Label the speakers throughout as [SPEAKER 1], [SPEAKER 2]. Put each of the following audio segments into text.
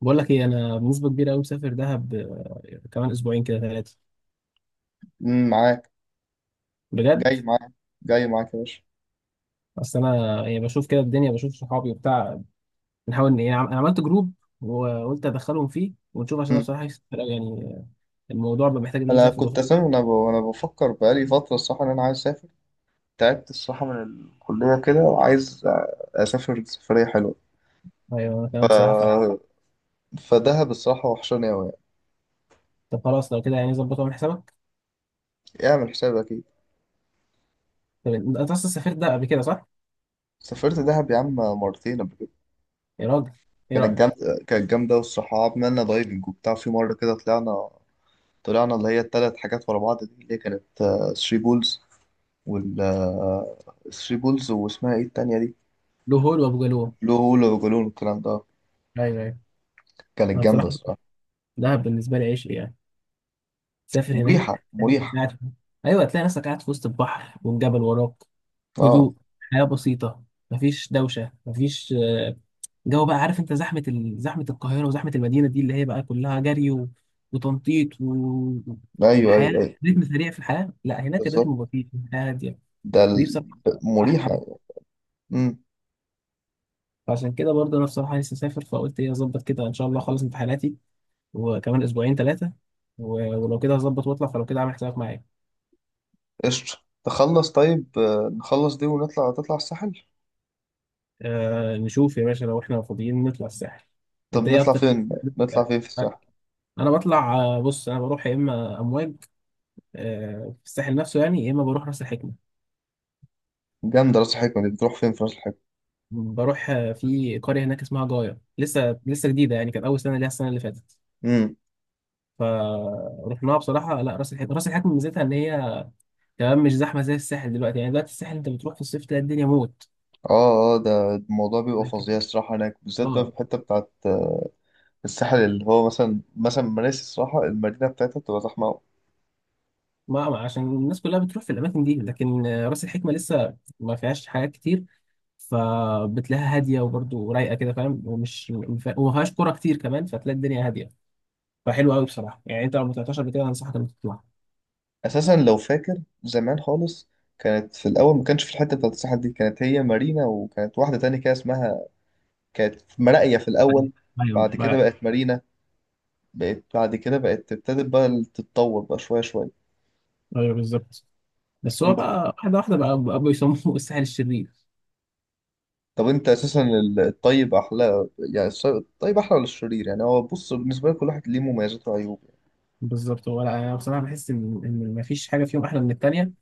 [SPEAKER 1] بقول لك ايه، انا بنسبه كبيره قوي مسافر دهب، كمان اسبوعين كده ثلاثه
[SPEAKER 2] معاك
[SPEAKER 1] بجد.
[SPEAKER 2] جاي معاك جاي معاك يا باشا.
[SPEAKER 1] اصل انا يعني بشوف كده الدنيا، بشوف صحابي وبتاع. بنحاول ان يعني انا عملت جروب، وقلت ادخلهم فيه ونشوف، عشان انا
[SPEAKER 2] مم.
[SPEAKER 1] بصراحه نفسي أسافر أوي، يعني الموضوع بقى محتاج ان انا
[SPEAKER 2] انا
[SPEAKER 1] اسافر
[SPEAKER 2] كنت اساسا وانا بفكر بقالي فتره الصراحه ان انا عايز اسافر. تعبت الصراحه من الكليه كده وعايز اسافر سفريه حلوه.
[SPEAKER 1] ايوه، انا كمان بصراحه فعلا.
[SPEAKER 2] فدهب الصراحه وحشاني قوي.
[SPEAKER 1] طب خلاص، لو كده يعني ظبط واعمل حسابك.
[SPEAKER 2] يعني اعمل حسابك اكيد.
[SPEAKER 1] طب انت اصلا سافرت ده قبل كده، صح؟
[SPEAKER 2] سافرت دهب يا عم 2 مرات قبل كده.
[SPEAKER 1] يا راجل! ايه
[SPEAKER 2] كانت
[SPEAKER 1] رايك؟
[SPEAKER 2] جامده، كانت جامده والصراحه عملنا دايفنج وبتاع. في مره كده طلعنا، طلعنا اللي هي 3 حاجات ورا بعض دي اللي هي كانت ثري بولز، وال ثري بولز واسمها ايه التانية دي؟
[SPEAKER 1] له هول وابو جالوم.
[SPEAKER 2] بلو هول وجالون والكلام ده.
[SPEAKER 1] ايوه، ايوه.
[SPEAKER 2] كانت
[SPEAKER 1] انا
[SPEAKER 2] جامدة
[SPEAKER 1] بصراحه
[SPEAKER 2] الصراحة.
[SPEAKER 1] دهب بالنسبه لي عشق يعني. تسافر
[SPEAKER 2] مريحة
[SPEAKER 1] هناك، تلاقي نفسك
[SPEAKER 2] مريحة
[SPEAKER 1] قاعد في- ايوه، تلاقي نفسك قاعد في وسط البحر، والجبل وراك.
[SPEAKER 2] اه،
[SPEAKER 1] هدوء. حياة بسيطة. مفيش دوشة، مفيش جو. بقى عارف انت زحمة زحمة القاهرة وزحمة المدينة دي اللي هي بقى كلها جري وتنطيط
[SPEAKER 2] ايوه ايوه
[SPEAKER 1] والحياة.
[SPEAKER 2] ايوه
[SPEAKER 1] رتم سريع في الحياة. لا، هناك
[SPEAKER 2] بالظبط.
[SPEAKER 1] الرتم بطيء، الحياة هادية.
[SPEAKER 2] ده
[SPEAKER 1] ودي
[SPEAKER 2] ال...
[SPEAKER 1] بصراحة أحلى
[SPEAKER 2] مريحة.
[SPEAKER 1] حاجة.
[SPEAKER 2] امم.
[SPEAKER 1] فعشان كده برضه أنا بصراحة لسه مسافر، فقلت إيه، أظبط كده إن شاء الله أخلص امتحاناتي وكمان أسبوعين ثلاثة و... ولو كده هظبط وأطلع، فلو كده عامل حسابك معايا.
[SPEAKER 2] قشطة، تخلص طيب آه، نخلص دي ونطلع، تطلع الساحل.
[SPEAKER 1] أه، نشوف يا باشا لو إحنا فاضيين نطلع الساحل.
[SPEAKER 2] طب
[SPEAKER 1] أنت إيه
[SPEAKER 2] نطلع
[SPEAKER 1] أكتر؟
[SPEAKER 2] فين؟ نطلع فين في الساحل؟
[SPEAKER 1] انا بطلع، بص انا بروح يا اما امواج، في الساحل نفسه يعني، يا اما بروح راس الحكمه.
[SPEAKER 2] جامدة راس الحكمة دي. بتروح فين في راس الحكمة؟
[SPEAKER 1] بروح في قريه هناك اسمها جايه لسه جديده، يعني كانت اول سنه ليها السنه اللي فاتت.
[SPEAKER 2] امم.
[SPEAKER 1] فرحناها بصراحه. لا، راس الحكمه راس الحكمه ميزتها ان هي كمان مش زحمه زي الساحل دلوقتي. يعني دلوقتي الساحل انت بتروح في الصيف تلاقي الدنيا موت.
[SPEAKER 2] اه اه، ده الموضوع بيبقى فظيع
[SPEAKER 1] لكن-
[SPEAKER 2] الصراحة هناك بالذات، بقى في
[SPEAKER 1] اه.
[SPEAKER 2] الحتة بتاعت الساحل اللي هو مثلا مراسي الصراحة. المدينة بتاعتها بتبقى زحمة.
[SPEAKER 1] عشان الناس كلها بتروح في الاماكن دي، لكن راس الحكمه لسه ما فيهاش حاجات كتير. فبتلاقيها هاديه وبرضه رايقه كده، فاهم؟ ومش وما فيهاش كوره كتير كمان، فتلاقي الدنيا هاديه. فحلو قوي بصراحه. يعني انت لو ما طلعتهاش قبل كده، انصحك انك تطلع.
[SPEAKER 2] اساسا لو فاكر زمان خالص، كانت في الاول ما كانش في الحته بتاعت الساحل دي، كانت هي مارينا، وكانت واحده تانية كده اسمها، كانت في مراقيه في الاول.
[SPEAKER 1] ايوه
[SPEAKER 2] بعد كده
[SPEAKER 1] بقى.
[SPEAKER 2] بقت مارينا. بقت بعد كده، بقت ابتدت بقى تتطور بقى شويه شويه.
[SPEAKER 1] ايوه، بالظبط. بس هو
[SPEAKER 2] انت،
[SPEAKER 1] بقى واحده واحده بقى بيسموه الساحل الشرير.
[SPEAKER 2] طب انت اساسا الطيب احلى يعني الطيب احلى ولا الشرير؟ يعني هو بص، بالنسبه لي كل واحد ليه مميزات وعيوب.
[SPEAKER 1] بالظبط. هو لا، انا بصراحه بحس ان مفيش حاجه فيهم احلى من التانيه.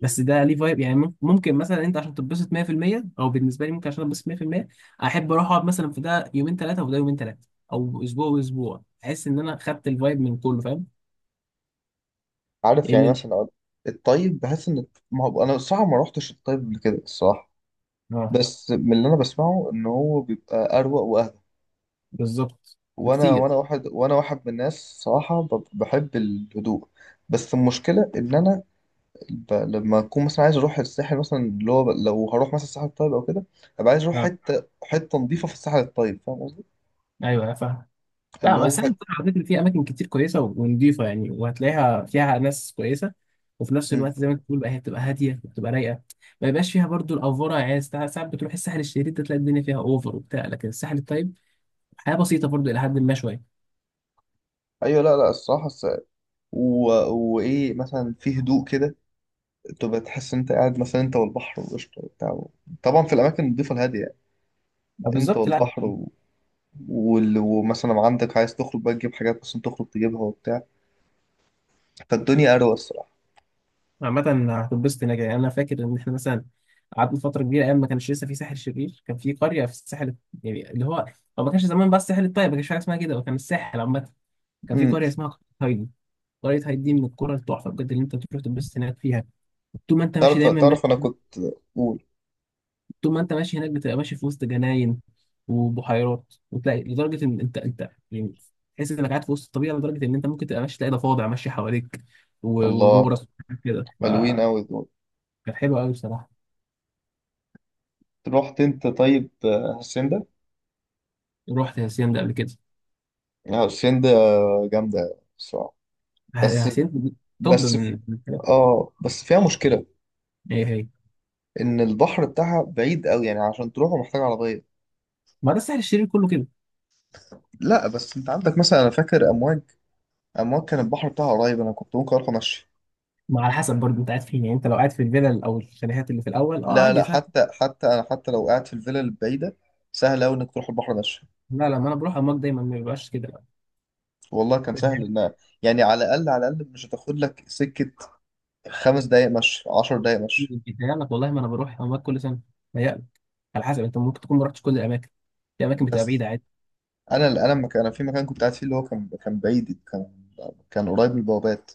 [SPEAKER 1] بس ده ليه فايب يعني. ممكن مثلا انت عشان تتبسط 100%، او بالنسبه لي ممكن عشان اتبسط 100% احب اروح اقعد مثلا في ده يومين ثلاثه، وده يومين ثلاثه، او اسبوع واسبوع، احس ان انا خدت الفايب من كله، فاهم.
[SPEAKER 2] عارف
[SPEAKER 1] لان
[SPEAKER 2] يعني
[SPEAKER 1] يعني.
[SPEAKER 2] مثلا الطيب بحس ان، ما هو انا الصراحه ما روحتش الطيب قبل كده الصراحه،
[SPEAKER 1] اه.
[SPEAKER 2] بس من اللي انا بسمعه ان هو بيبقى اروق.
[SPEAKER 1] بالظبط.
[SPEAKER 2] وانا
[SPEAKER 1] بكتير.
[SPEAKER 2] وانا واحد وانا واحد من الناس صراحه بحب الهدوء. بس المشكله ان انا لما اكون مثلا عايز اروح الساحل مثلا اللي هو لو هروح مثلا الساحل الطيب او كده، ابقى عايز اروح
[SPEAKER 1] اه.
[SPEAKER 2] حته نظيفه في الساحل الطيب، فاهم قصدي؟
[SPEAKER 1] ايوه، فاهم. لا
[SPEAKER 2] اللي هو
[SPEAKER 1] بس ساحل
[SPEAKER 2] حته.
[SPEAKER 1] الطيب على فكرة فيه أماكن كتير كويسة ونضيفة، يعني وهتلاقيها فيها ناس كويسة. وفي نفس
[SPEAKER 2] مم.
[SPEAKER 1] الوقت زي ما أنت بتقول بقى، هي بتبقى هادية وبتبقى رايقة. ما يبقاش فيها برضو الأفورة، يعني ساعات ساعات بتروح الساحل الشرير ده تلاقي الدنيا فيها أوفر وبتاع، لكن الساحل الطيب حياة بسيطة برضو إلى حد ما شوية.
[SPEAKER 2] ايوه. لا لا الصراحه و... وايه مثلا في هدوء كده، تبقى تحس ان انت قاعد مثلا انت والبحر والقشطه وبتاع. طبعا في الاماكن النظيفه الهاديه، يعني انت
[SPEAKER 1] بالظبط، لا.
[SPEAKER 2] والبحر ومثلا عندك عايز تخرج بقى تجيب حاجات، مثلا تخرج تجيبها وبتاع. فالدنيا اروق الصراحه.
[SPEAKER 1] عامة هتنبسط هناك يعني. أنا فاكر إن إحنا مثلا قعدنا فترة كبيرة. أيام ما كانش لسه في ساحل شرير، كان في قرية في الساحل يعني اللي هو، هو ما كانش زمان بس الساحل الطيب، ما كانش في حاجة اسمها كده، وكان الساحل عامة كان في
[SPEAKER 2] امم.
[SPEAKER 1] قرية اسمها قرية طريقتها هيدي من الكرة التحفة بجد، اللي انت تروح تتبسط هناك فيها. طول ما انت ماشي
[SPEAKER 2] تعرف
[SPEAKER 1] دايما ماشي.
[SPEAKER 2] تعرف انا كنت، قول.
[SPEAKER 1] طول ما انت ماشي هناك بتبقى ماشي في وسط جناين وبحيرات، وتلاقي لدرجة ان انت يعني تحس انك قاعد في وسط الطبيعة، لدرجة ان انت ممكن تبقى ماشي تلاقي ضفادع ماشية حواليك
[SPEAKER 2] الله،
[SPEAKER 1] ونورس كده
[SPEAKER 2] حلوين
[SPEAKER 1] فكانت
[SPEAKER 2] قوي دول.
[SPEAKER 1] حلوة قوي بصراحة.
[SPEAKER 2] رحت انت طيب آه، هاسيندا؟
[SPEAKER 1] رحت هاسيان ده قبل كده.
[SPEAKER 2] لا، هاسيندا جامده بصراحه. بس
[SPEAKER 1] هاسيان. طب
[SPEAKER 2] بس
[SPEAKER 1] من
[SPEAKER 2] في،
[SPEAKER 1] من الحاجات
[SPEAKER 2] اه بس فيها مشكله
[SPEAKER 1] هي هي.
[SPEAKER 2] ان البحر بتاعها بعيد قوي، يعني عشان تروحه محتاج عربيه.
[SPEAKER 1] ما ده الساحل الشرير كله كده.
[SPEAKER 2] لا بس انت عندك مثلا، انا فاكر امواج، امواج كان البحر بتاعها قريب، انا كنت ممكن اروح مشي.
[SPEAKER 1] ما على حسب برضه انت قاعد فين، يعني انت لو قاعد في الفيلل او الشاليهات اللي في الاول اه
[SPEAKER 2] لا
[SPEAKER 1] عادي
[SPEAKER 2] لا،
[SPEAKER 1] سهل.
[SPEAKER 2] حتى لو قاعد في الفيلا البعيده، سهل قوي انك تروح البحر مشي.
[SPEAKER 1] لا، لا، ما انا بروح اماك دايما ما بيبقاش كده.
[SPEAKER 2] والله كان سهل. ان يعني على الاقل، على الاقل مش هتاخد لك سكه، 5 دقايق مشي، 10 دقايق مشي.
[SPEAKER 1] بيتهيألك والله، ما انا بروح اماكن كل سنه. بيتهيألك. على حسب، انت ممكن تكون ما رحتش كل الاماكن. في اماكن بتبقى
[SPEAKER 2] بس
[SPEAKER 1] بعيده عادي.
[SPEAKER 2] انا انا في مكان كنت قاعد فيه اللي هو كان بعيد، كان كان قريب من البوابات،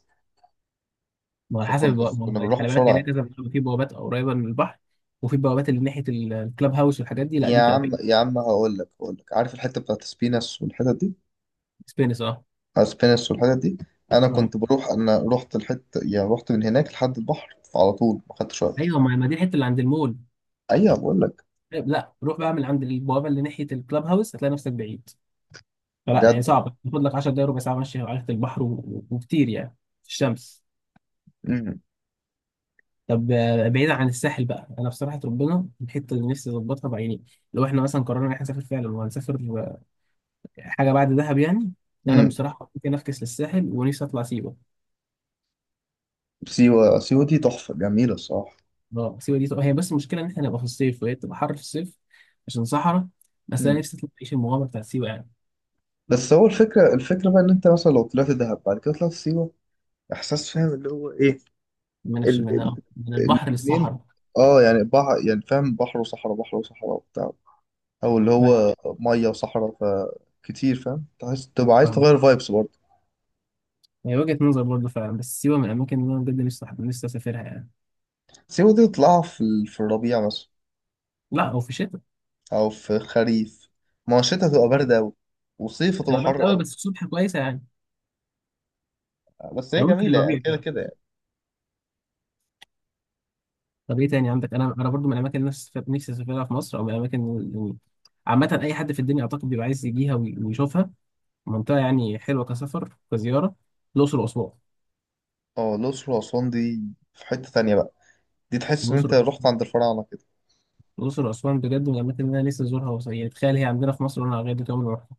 [SPEAKER 1] ما هو على حسب
[SPEAKER 2] فكنا بس
[SPEAKER 1] ما
[SPEAKER 2] كنا
[SPEAKER 1] هو يعني،
[SPEAKER 2] بنروح
[SPEAKER 1] خلي بالك هي
[SPEAKER 2] بسرعه
[SPEAKER 1] ليها
[SPEAKER 2] يعني.
[SPEAKER 1] كذا بوابة. في بوابات قريبه من البحر وفي بوابات اللي ناحيه الكلاب هاوس والحاجات دي لا، دي
[SPEAKER 2] يا
[SPEAKER 1] بتبقى
[SPEAKER 2] عم
[SPEAKER 1] بعيد.
[SPEAKER 2] يا عم، هقول لك، عارف الحته بتاعت سبينس والحتت دي؟
[SPEAKER 1] سبينس، اه.
[SPEAKER 2] سبينس والحتت دي، انا
[SPEAKER 1] اه،
[SPEAKER 2] كنت بروح انا رحت الحته يعني، رحت من هناك لحد البحر على طول، ما خدتش
[SPEAKER 1] ايوه،
[SPEAKER 2] وقت.
[SPEAKER 1] ما دي الحته اللي عند المول.
[SPEAKER 2] ايوه بقول لك.
[SPEAKER 1] لا، روح بقى من عند البوابه اللي ناحيه الكلاب هاوس هتلاقي نفسك بعيد. فلا، يعني
[SPEAKER 2] بجد.
[SPEAKER 1] صعبه، تاخد لك 10 دقايق ربع ساعه ماشي على ناحيه البحر وكتير يعني في الشمس.
[SPEAKER 2] امم.
[SPEAKER 1] طب بعيدا عن الساحل بقى، انا بصراحه ربنا، الحته اللي نفسي اظبطها بعيني لو احنا مثلا قررنا ان احنا نسافر فعلا، وهنسافر حاجه بعد دهب يعني. انا
[SPEAKER 2] امم.
[SPEAKER 1] بصراحه ممكن افكس للساحل، ونفسي اطلع سيوه.
[SPEAKER 2] سيوه، سيوه دي تحفه جميله الصراحه.
[SPEAKER 1] اه، سيوه دي هي، بس المشكله ان احنا نبقى في الصيف وهي بتبقى حر في الصيف عشان صحراء. بس انا
[SPEAKER 2] امم.
[SPEAKER 1] نفسي اطلع اعيش المغامره بتاعت سيوه يعني.
[SPEAKER 2] بس هو الفكره بقى ان انت مثلا لو طلعت دهب بعد كده طلعت سيوه، احساس، فاهم اللي هو ايه؟ ال-
[SPEAKER 1] من
[SPEAKER 2] ال-
[SPEAKER 1] من البحر
[SPEAKER 2] الاتنين،
[SPEAKER 1] للصحراء.
[SPEAKER 2] اه يعني بحر، يعني فاهم، بحر وصحراء، بحر وصحراء وبتاع، او اللي
[SPEAKER 1] أيوة،
[SPEAKER 2] هو ميه وصحراء. فكتير فاهم، تحس تبقى عايز
[SPEAKER 1] فاهمك.
[SPEAKER 2] تغير فايبس برضه.
[SPEAKER 1] هي وجهه نظر برضه فعلا، بس سيوه من الاماكن اللي انا بجد نفسي نفسي اسافرها يعني.
[SPEAKER 2] سيبه دي تطلعها في الربيع مثلا،
[SPEAKER 1] لا، وفي الشتاء.
[SPEAKER 2] او في الخريف. ما هو الشتا تبقى برد قوي، وصيف تبقى
[SPEAKER 1] هي برد
[SPEAKER 2] حر
[SPEAKER 1] قوي،
[SPEAKER 2] قوي.
[SPEAKER 1] بس الصبح كويسه يعني.
[SPEAKER 2] بس هي
[SPEAKER 1] لو ممكن
[SPEAKER 2] جميله يعني كده
[SPEAKER 1] ربيع.
[SPEAKER 2] كده يعني.
[SPEAKER 1] طب ايه تاني عندك؟ انا برضو من الاماكن اللي نفسي نفسي اسافرها في مصر، او من الاماكن يعني عامه اي حد في الدنيا اعتقد بيبقى عايز يجيها ويشوفها، منطقه يعني حلوه كسفر كزياره. الاقصر واسوان.
[SPEAKER 2] اه الاقصر واسوان دي في حته تانية بقى. دي تحس ان انت
[SPEAKER 1] الاقصر.
[SPEAKER 2] رحت عند الفراعنه كده.
[SPEAKER 1] الاقصر واسوان بجد من الاماكن اللي انا لسه ازورها يعني تخيل هي عندنا في مصر، وانا لغايه دلوقتي عمري ما رحتها.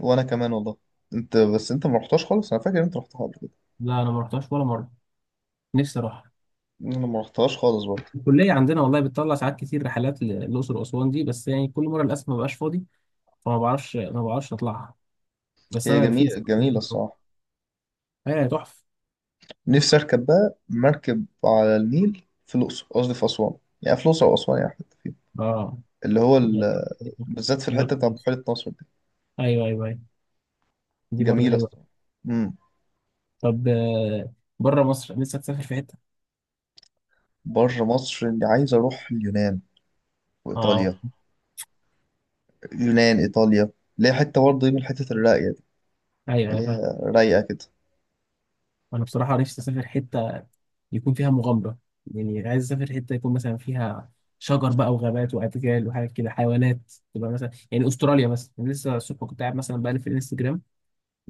[SPEAKER 2] وانا كمان والله. انت بس انت ما رحتهاش خالص؟ انا فاكر انت رحتها قبل كده.
[SPEAKER 1] لا، انا ما رحتهاش ولا مره. نفسي اروحها.
[SPEAKER 2] انا ما رحتهاش خالص برضه.
[SPEAKER 1] الكليه عندنا والله بتطلع ساعات كتير رحلات للاقصر واسوان دي، بس يعني كل مره للاسف ما بقاش فاضي. فما بعرفش ما بعرفش اطلعها. بس
[SPEAKER 2] هي
[SPEAKER 1] انا في
[SPEAKER 2] جميلة جميلة الصراحة.
[SPEAKER 1] ايه تحفه.
[SPEAKER 2] نفسي أركب بقى مركب على النيل في الأقصر، قصدي في أسوان، يعني في الأقصر أو أسوان يعني حتة فيهم،
[SPEAKER 1] اه.
[SPEAKER 2] اللي هو ال... بالذات في الحتة بتاع بحيرة ناصر دي.
[SPEAKER 1] ايوه، ايوه، ايوه. دي برضه
[SPEAKER 2] جميلة
[SPEAKER 1] حلوه.
[SPEAKER 2] الصراحة. امم.
[SPEAKER 1] طب بره مصر نفسك تسافر في حته؟
[SPEAKER 2] بره مصر، اللي عايز أروح اليونان
[SPEAKER 1] اه.
[SPEAKER 2] وإيطاليا. يونان إيطاليا، اللي هي حتة برضه دي من الحتت الراقية دي،
[SPEAKER 1] ايوه،
[SPEAKER 2] اللي
[SPEAKER 1] ايوه، فاهم.
[SPEAKER 2] هي رايقة كده.
[SPEAKER 1] انا بصراحه نفسي اسافر حته يكون فيها مغامره، يعني عايز اسافر حته يكون مثلا فيها شجر بقى وغابات وادجال وحاجات كده حيوانات. تبقى مثلا، يعني استراليا مثلا، يعني لسه الصبح كنت قاعد مثلا بقلب في الانستجرام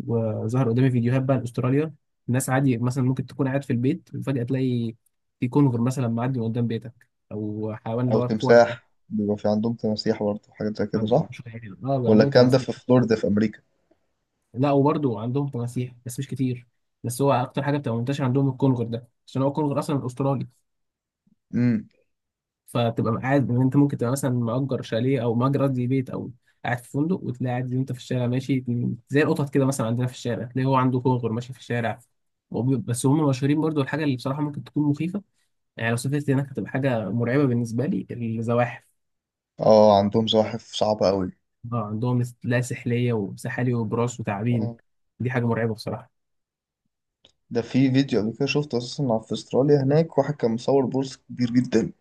[SPEAKER 1] وظهر قدامي فيديوهات بقى لاستراليا. الناس عادي مثلا ممكن تكون قاعد في البيت، وفجاه تلاقي في كونغر مثلا معدي من قدام بيتك، او حيوان اللي
[SPEAKER 2] أو
[SPEAKER 1] هو الكوالا ده.
[SPEAKER 2] تمساح، بيبقى في عندهم تماسيح برضه حاجات زي كده
[SPEAKER 1] عندهم
[SPEAKER 2] صح؟
[SPEAKER 1] مش عارف. اه،
[SPEAKER 2] ولا
[SPEAKER 1] عندهم
[SPEAKER 2] الكلام ده
[SPEAKER 1] تماسيح.
[SPEAKER 2] في فلوريدا في أمريكا؟
[SPEAKER 1] لا، وبرضه عندهم تماسيح بس مش كتير. بس هو اكتر حاجه بتبقى منتشره عندهم الكونغر ده، عشان هو الكونغر اصلا استرالي.
[SPEAKER 2] امم.
[SPEAKER 1] فتبقى قاعد ان انت ممكن تبقى مثلا مأجر شاليه او مأجر قصدي بيت، او قاعد في فندق، وتلاقي قاعد انت في الشارع ماشي، زي القطط كده مثلا عندنا في الشارع، تلاقي هو عنده كونغر ماشي في الشارع. بس هم مشهورين برضو. الحاجه اللي بصراحه ممكن تكون مخيفه يعني لو سافرت هناك، هتبقى حاجه مرعبه بالنسبه لي. الزواحف.
[SPEAKER 2] اه عندهم زواحف صعبة أوي.
[SPEAKER 1] اه عندهم، لا سحليه وسحالي وبراس وتعابين.
[SPEAKER 2] آه.
[SPEAKER 1] دي حاجه مرعبه بصراحه.
[SPEAKER 2] ده في فيديو قبل كده شفته، اساسا في استراليا هناك واحد كان مصور بورصة كبير جدا،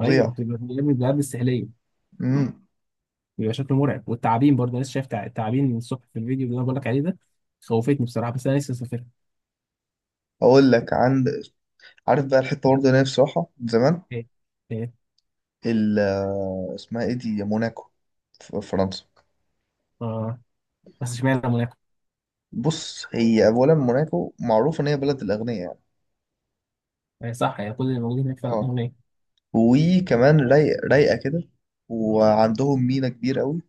[SPEAKER 1] ايوه، بتبقى من البلاد السحليه.
[SPEAKER 2] امم.
[SPEAKER 1] بيبقى شكله مرعب. والتعابين برضه أنا لسه شايف تعابين من الصبح في الفيديو اللي انا بقول لك عليه ده. خوفتني بصراحه، بس انا لسه مسافرها.
[SPEAKER 2] اقول لك، عارف بقى الحته برضه اللي انا نفسي اروحها من زمان؟
[SPEAKER 1] ايه. ايه.
[SPEAKER 2] ال اسمها ايه دي، موناكو، في فرنسا.
[SPEAKER 1] اه، بس اشمعنى موناكو؟
[SPEAKER 2] بص هي اولا موناكو معروفه ان هي بلد الاغنياء يعني.
[SPEAKER 1] هي صح؟ يعني كل اللي موجودين هناك فعلا
[SPEAKER 2] اه.
[SPEAKER 1] اغنياء؟
[SPEAKER 2] وكمان رايقه كده، وعندهم مينا كبير قوي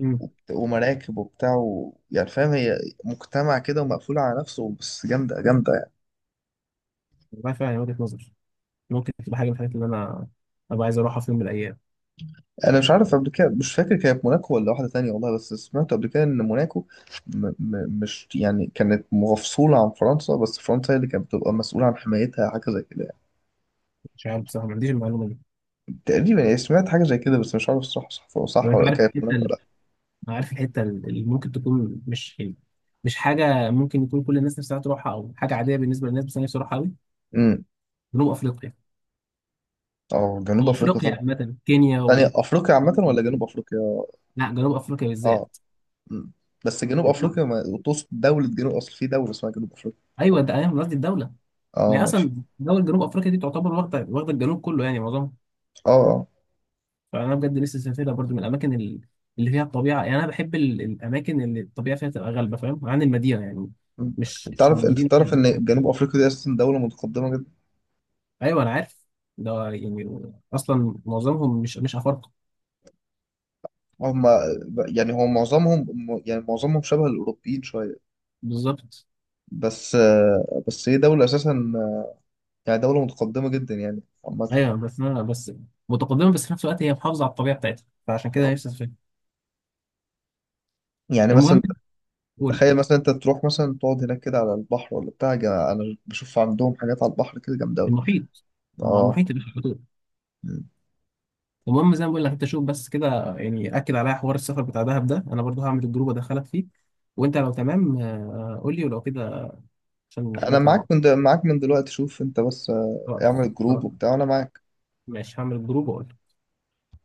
[SPEAKER 1] امم.
[SPEAKER 2] ومراكب وبتاع يعني فاهم، هي مجتمع كده ومقفول على نفسه، بس جامده جامده يعني.
[SPEAKER 1] والله فعلا هي وجهه نظر. ممكن تبقى حاجه من الحاجات اللي انا ابقى عايز اروحها في يوم من الايام.
[SPEAKER 2] انا مش عارف قبل كده، مش فاكر كانت موناكو ولا واحده تانية، والله بس سمعت قبل كده ان موناكو م م مش يعني كانت مفصوله عن فرنسا، بس فرنسا هي اللي كانت بتبقى مسؤوله عن حمايتها، حاجه زي كده يعني.
[SPEAKER 1] مش عارف بصراحه، ما عنديش المعلومه دي.
[SPEAKER 2] تقريبا يعني، سمعت حاجه زي كده بس مش عارف الصراحه صح
[SPEAKER 1] لو
[SPEAKER 2] صح
[SPEAKER 1] انت
[SPEAKER 2] ولا كانت موناكو ولا لا.
[SPEAKER 1] عارف الحته اللي ممكن تكون مش يعني مش حاجه ممكن يكون كل الناس نفسها تروحها او حاجه عاديه بالنسبه للناس، بس انا نفسي اروحها قوي.
[SPEAKER 2] امم.
[SPEAKER 1] جنوب افريقيا.
[SPEAKER 2] اه جنوب افريقيا
[SPEAKER 1] وافريقيا
[SPEAKER 2] طبعا.
[SPEAKER 1] عامه كينيا
[SPEAKER 2] يعني
[SPEAKER 1] و
[SPEAKER 2] افريقيا عامه ولا جنوب افريقيا؟
[SPEAKER 1] لا، جنوب افريقيا
[SPEAKER 2] اه.
[SPEAKER 1] بالذات.
[SPEAKER 2] امم. بس جنوب
[SPEAKER 1] ايوه.
[SPEAKER 2] افريقيا، ما تقصد دوله جنوب، اصل في دوله اسمها جنوب افريقيا.
[SPEAKER 1] انت ايوه، قصدي الدوله.
[SPEAKER 2] اه
[SPEAKER 1] لا اصلا
[SPEAKER 2] ماشي.
[SPEAKER 1] دول جنوب افريقيا دي تعتبر واخده واخده الجنوب كله، يعني معظمها.
[SPEAKER 2] اه اه.
[SPEAKER 1] فانا بجد لسه سافرها برضو من الاماكن اللي فيها الطبيعه. يعني انا بحب الاماكن اللي الطبيعه فيها تبقى غالبه، فاهم، عن المدينه يعني.
[SPEAKER 2] أمم.
[SPEAKER 1] مش
[SPEAKER 2] انت
[SPEAKER 1] مش
[SPEAKER 2] تعرف انت
[SPEAKER 1] المدينه هي
[SPEAKER 2] تعرف
[SPEAKER 1] اللي بتحب.
[SPEAKER 2] ان جنوب افريقيا دي اساسا دوله متقدمه جدا.
[SPEAKER 1] ايوه، انا عارف. ده يعني اصلا معظمهم مش افارقه.
[SPEAKER 2] هم، يعني هو معظمهم، يعني معظمهم شبه الأوروبيين شوية.
[SPEAKER 1] بالظبط.
[SPEAKER 2] بس، بس هي دولة أساسا، يعني دولة متقدمة جدا يعني عامة.
[SPEAKER 1] ايوه بس انا بس متقدمه، بس في نفس الوقت هي محافظه على الطبيعه بتاعتها، فعشان كده نفسي اسافرها.
[SPEAKER 2] يعني
[SPEAKER 1] المهم.
[SPEAKER 2] مثلا،
[SPEAKER 1] قول.
[SPEAKER 2] تخيل مثلا أنت تروح مثلا تقعد هناك كده على البحر ولا بتاع أنا بشوف عندهم حاجات على البحر كده جامدة أوي.
[SPEAKER 1] المحيط. هم على
[SPEAKER 2] أه.
[SPEAKER 1] المحيط اللي في الحدود. المهم زي ما بقول لك، انت شوف بس كده، يعني اكد عليا حوار السفر بتاع دهب ده، انا برضو هعمل الجروب ادخلك فيه. وانت لو تمام قول لي، ولو كده عشان
[SPEAKER 2] أنا
[SPEAKER 1] نطلع مع
[SPEAKER 2] معاك
[SPEAKER 1] بعض.
[SPEAKER 2] معاك من دلوقتي، شوف أنت بس آه،
[SPEAKER 1] خلاص،
[SPEAKER 2] اعمل جروب
[SPEAKER 1] خلاص.
[SPEAKER 2] وبتاع وأنا معاك.
[SPEAKER 1] ماشي، هعمل الجروب واقول